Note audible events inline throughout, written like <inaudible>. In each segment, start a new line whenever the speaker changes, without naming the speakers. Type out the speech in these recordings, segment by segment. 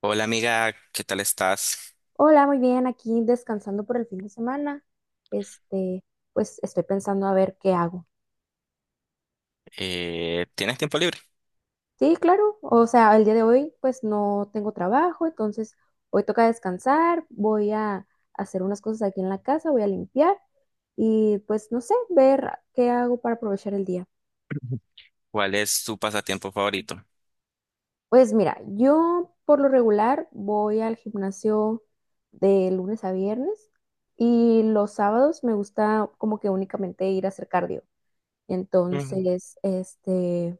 Hola amiga, ¿qué tal estás?
Hola, muy bien, aquí descansando por el fin de semana. Este, pues estoy pensando a ver qué hago.
¿Tienes tiempo libre?
Sí, claro, o sea, el día de hoy pues no tengo trabajo, entonces hoy toca descansar, voy a hacer unas cosas aquí en la casa, voy a limpiar y pues no sé, ver qué hago para aprovechar el día.
¿Cuál es tu pasatiempo favorito?
Pues mira, yo por lo regular voy al gimnasio de lunes a viernes y los sábados me gusta como que únicamente ir a hacer cardio.
Mm.
Entonces, este,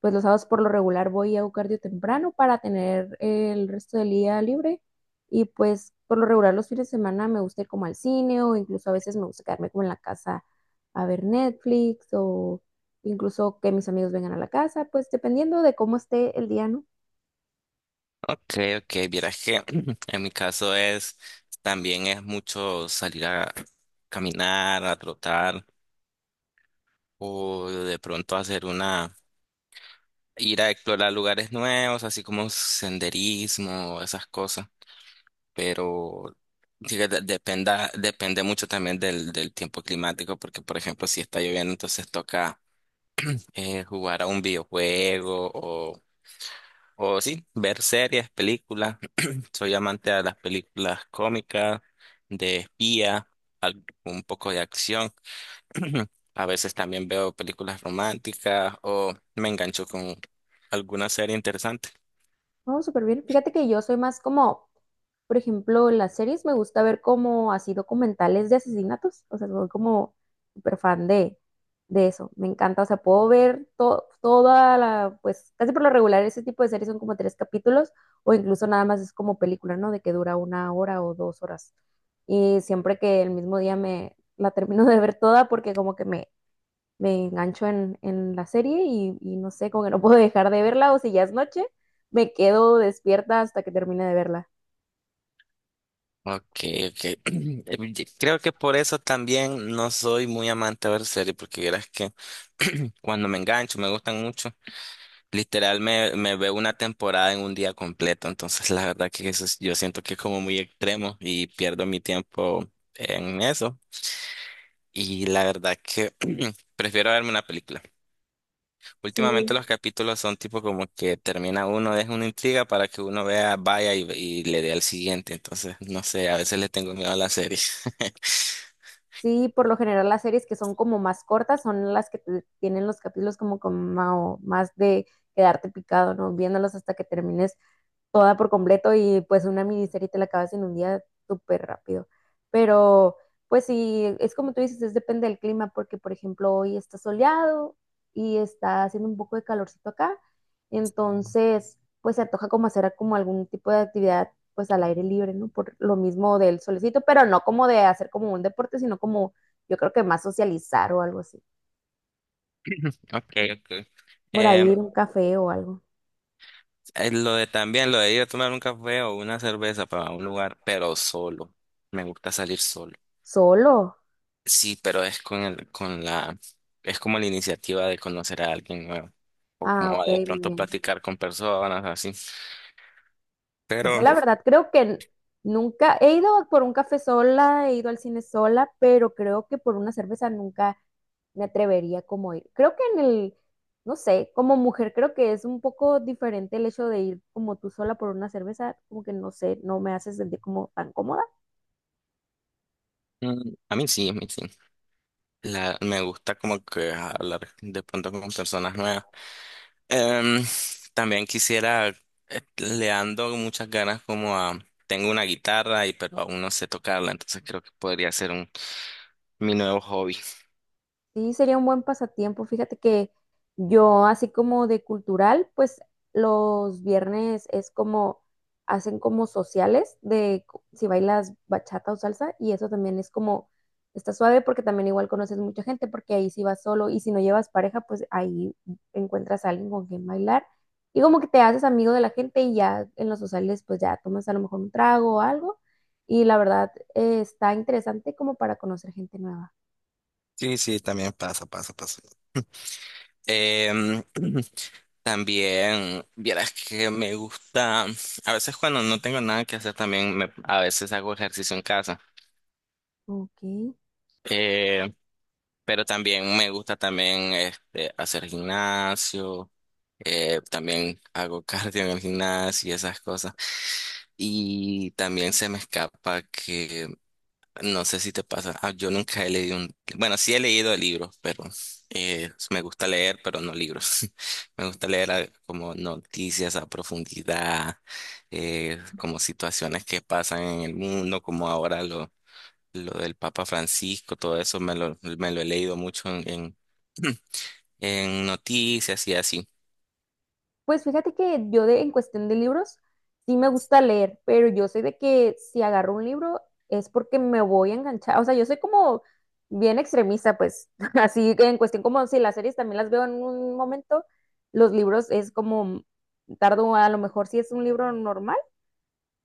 pues los sábados por lo regular voy a cardio temprano para tener el resto del día libre. Y pues por lo regular los fines de semana me gusta ir como al cine o incluso a veces me gusta quedarme como en la casa a ver Netflix o incluso que mis amigos vengan a la casa, pues dependiendo de cómo esté el día, ¿no?
Ok, ok, vieras que <clears throat> en mi caso es, también es mucho salir a caminar, a trotar o de pronto hacer una ir a explorar lugares nuevos, así como senderismo, esas cosas, pero sí que depende mucho también del tiempo climático, porque por ejemplo, si está lloviendo, entonces toca jugar a un videojuego o sí, ver series, películas. Soy amante de las películas cómicas, de espía, un poco de acción. <clears throat> A veces también veo películas románticas o me engancho con alguna serie interesante.
No, súper bien. Fíjate que yo soy más como, por ejemplo, en las series me gusta ver como así documentales de asesinatos. O sea, soy como súper fan de eso. Me encanta. O sea, puedo ver toda la, pues casi por lo regular ese tipo de series son como tres capítulos o incluso nada más es como película, ¿no? De que dura una hora o dos horas. Y siempre que el mismo día me la termino de ver toda porque como que me engancho en la serie y no sé, como que no puedo dejar de verla o si ya es noche, me quedo despierta hasta que termine de verla.
Okay, okay. <clears throat> Creo que por eso también no soy muy amante de ver series, porque verás que cuando me engancho, me gustan mucho, literal me veo una temporada en un día completo, entonces la verdad que yo siento que es como muy extremo y pierdo mi tiempo en eso. Y la verdad que <clears throat> prefiero verme una película. Últimamente
Sí,
los capítulos son tipo como que termina uno, deja una intriga para que uno vea, vaya y le dé al siguiente. Entonces, no sé, a veces le tengo miedo a la serie. <laughs>
sí, por lo general las series que son como más cortas son las que tienen los capítulos como más de quedarte picado, ¿no? Viéndolos hasta que termines toda por completo y pues una miniserie te la acabas en un día súper rápido. Pero pues sí, es como tú dices, es depende del clima, porque por ejemplo hoy está soleado y está haciendo un poco de calorcito acá, entonces pues se antoja como hacer como algún tipo de actividad pues al aire libre, ¿no? Por lo mismo del solecito, pero no como de hacer como un deporte, sino como yo creo que más socializar o algo así.
Okay, okay.
Por ahí
Em,
ir a un café o algo.
lo de también, lo de ir a tomar un café o una cerveza para un lugar, pero solo. Me gusta salir solo.
Solo.
Sí, pero es con con la, es como la iniciativa de conocer a alguien nuevo. O
Ah,
como
ok,
de
muy
pronto
bien.
platicar con personas así.
Yo
Pero
la verdad creo que nunca he ido por un café sola, he ido al cine sola, pero creo que por una cerveza nunca me atrevería como a ir. Creo que en el, no sé, como mujer creo que es un poco diferente el hecho de ir como tú sola por una cerveza, como que no sé, no me hace sentir como tan cómoda.
mm, a mí sí, a mí sí. La, me gusta como que hablar de pronto con personas nuevas. Em, también quisiera, le ando muchas ganas como a, tengo una guitarra y pero aún no sé tocarla, entonces creo que podría ser mi nuevo hobby.
Sí, sería un buen pasatiempo. Fíjate que yo, así como de cultural, pues los viernes es como, hacen como sociales de si bailas bachata o salsa y eso también es como, está suave porque también igual conoces mucha gente porque ahí si vas solo y si no llevas pareja, pues ahí encuentras a alguien con quien bailar y como que te haces amigo de la gente y ya en los sociales pues ya tomas a lo mejor un trago o algo y la verdad está interesante como para conocer gente nueva.
Sí, sí, también pasa, pasa, pasa. Em, <clears throat> también, vieras que me gusta, a veces cuando no tengo nada que hacer también, a veces hago ejercicio en casa.
Ok.
Eh, pero también me gusta también este, hacer gimnasio, también hago <laughs> cardio en el gimnasio y esas cosas. Y también se me escapa no sé si te pasa, yo nunca he bueno, sí he leído libros, pero me gusta leer, pero no libros. <laughs> Me gusta leer como noticias a profundidad, como situaciones que pasan en el mundo, como ahora lo del Papa Francisco, todo eso me me lo he leído mucho en noticias y así.
Pues fíjate que yo en cuestión de libros, sí me gusta leer, pero yo sé de que si agarro un libro es porque me voy a enganchar. O sea, yo soy como bien extremista, pues <laughs> así que en cuestión como si las series también las veo en un momento, los libros es como tardo a lo mejor si es un libro normal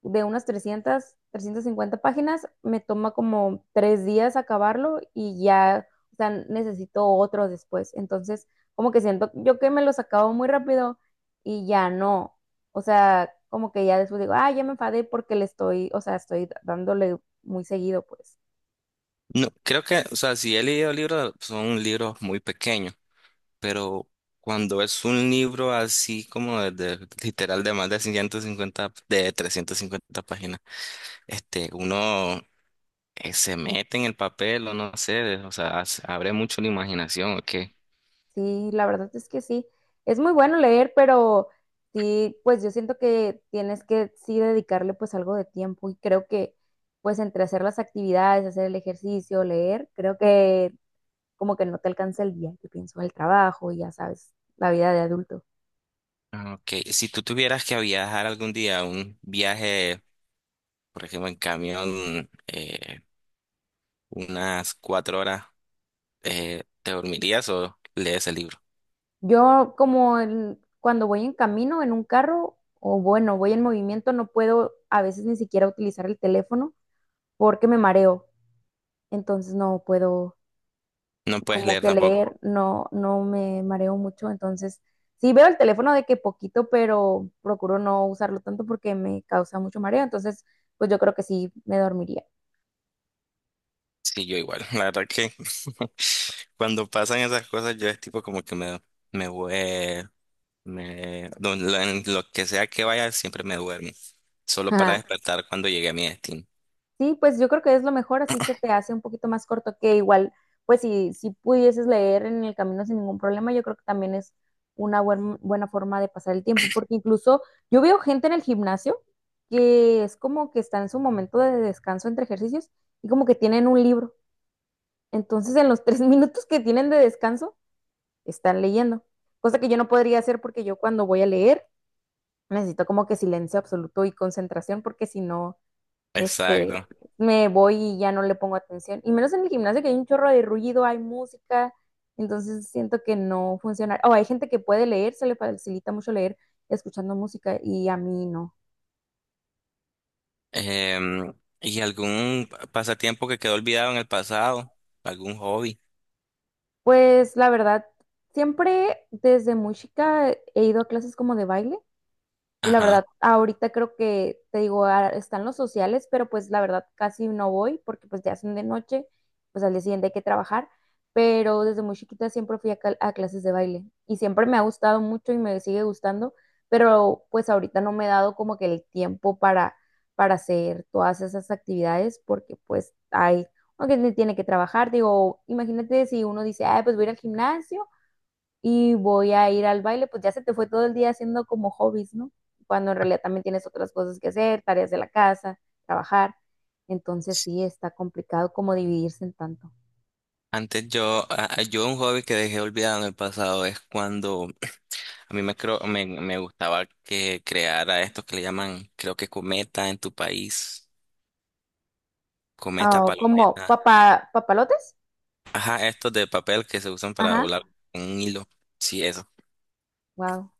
de unas 300, cincuenta páginas, me toma como tres días acabarlo y ya, o sea, necesito otro después. Entonces, como que siento yo que me los acabo muy rápido y ya no. O sea, como que ya después digo, ah, ya me enfadé porque le estoy, o sea, estoy dándole muy seguido, pues.
No, creo que, o sea, si he leído libros, son libros muy pequeños, pero cuando es un libro así como literal de más de 150, de 350 páginas, este, uno se mete en el papel o no sé, o sea, abre mucho la imaginación, ¿o qué?
Sí, la verdad es que sí. Es muy bueno leer, pero sí, pues yo siento que tienes que sí dedicarle pues algo de tiempo y creo que pues entre hacer las actividades, hacer el ejercicio, leer, creo que como que no te alcanza el día, que pienso el trabajo y ya sabes, la vida de adulto.
Ah, ok, si tú tuvieras que viajar algún día, un viaje, por ejemplo, en camión, unas cuatro horas, ¿te dormirías o lees el libro?
Yo como cuando voy en camino, en un carro, o bueno, voy en movimiento, no puedo a veces ni siquiera utilizar el teléfono porque me mareo, entonces no puedo
No puedes
como
leer
que
tampoco.
leer no, no me mareo mucho, entonces sí veo el teléfono de que poquito, pero procuro no usarlo tanto porque me causa mucho mareo, entonces pues yo creo que sí me dormiría.
Sí, yo igual. <laughs> La verdad que <laughs> cuando pasan esas cosas, yo es tipo como que me, voy me, lo- en lo que sea que vaya, siempre me duermo. Solo para
<laughs>
despertar cuando llegue a mi destino.
Sí, pues yo creo que es lo mejor, así se te hace un poquito más corto que igual, pues si, si pudieses leer en el camino sin ningún problema, yo creo que también es una buena forma de pasar el tiempo, porque incluso yo veo gente en el gimnasio que es como que está en su momento de descanso entre ejercicios y como que tienen un libro. Entonces, en los tres <laughs> minutos que tienen de descanso, están leyendo, cosa que yo no podría hacer porque yo cuando voy a leer necesito como que silencio absoluto y concentración, porque si no
Exacto.
este, me voy y ya no le pongo atención. Y menos en el gimnasio que hay un chorro de ruido, hay música, entonces siento que no funciona. O hay gente que puede leer, se le facilita mucho leer escuchando música y a mí no.
Em, ¿Y algún pasatiempo que quedó olvidado en el pasado? ¿Algún hobby?
Pues la verdad, siempre desde muy chica he ido a clases como de baile. Y la
Ajá.
verdad, ahorita creo que, te digo, ah, están los sociales, pero pues la verdad casi no voy porque pues ya son de noche, pues al día siguiente hay que trabajar, pero desde muy chiquita siempre fui a clases de baile y siempre me ha gustado mucho y me sigue gustando, pero pues ahorita no me he dado como que el tiempo para hacer todas esas actividades porque pues hay, aunque tiene que trabajar, digo, imagínate si uno dice, ay, pues voy a ir al gimnasio y voy a ir al baile, pues ya se te fue todo el día haciendo como hobbies, ¿no? Cuando en realidad también tienes otras cosas que hacer, tareas de la casa, trabajar. Entonces sí, está complicado como dividirse en tanto.
Antes yo un hobby que dejé olvidado en el pasado es cuando a mí me, creo, me gustaba que creara estos que le llaman, creo que cometa en tu país. Cometa,
Ah, como
palometa.
papalotes.
Ajá, estos de papel que se usan para
Ajá.
volar con un hilo. Sí, eso.
Wow.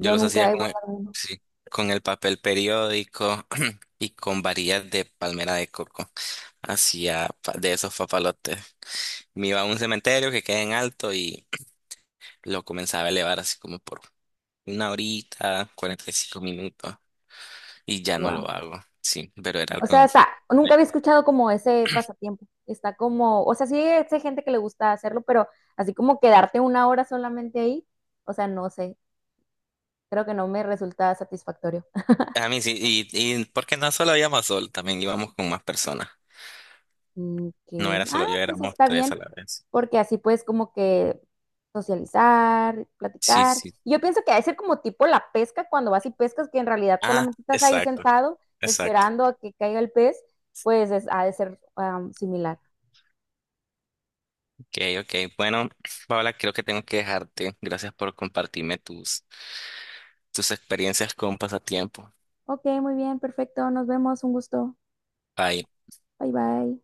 Yo los
nunca
hacía
he
con
guardado uno.
sí, con el papel periódico <clears throat> y con varillas de palmera de coco. De esos papalotes. Me iba a un cementerio que queda en alto y <clears throat> lo comenzaba a elevar así como por una horita, 45 minutos. Y ya no
Wow.
lo hago. Sí, pero era
O sea,
algo.
está, nunca había escuchado como ese pasatiempo. Está como, o sea, sí hay gente que le gusta hacerlo, pero así como quedarte una hora solamente ahí, o sea, no sé, creo que no me resulta satisfactorio.
A mí sí, y porque no solo íbamos sol, también íbamos con más personas.
Mm, ok.
No era
Ah,
solo yo,
pues
éramos
está
tres
bien,
a la vez.
porque así puedes como que socializar,
Sí,
platicar.
sí.
Yo pienso que ha de ser como tipo la pesca, cuando vas y pescas, que en realidad
Ah,
solamente estás ahí
exacto,
sentado
exacto.
esperando a que caiga el pez, pues es, ha de ser am, similar.
Ok, ok. Bueno, Paola, creo que tengo que dejarte. Gracias por compartirme tus, tus experiencias con pasatiempo.
Ok, muy bien, perfecto, nos vemos, un gusto.
Bye.
Bye bye.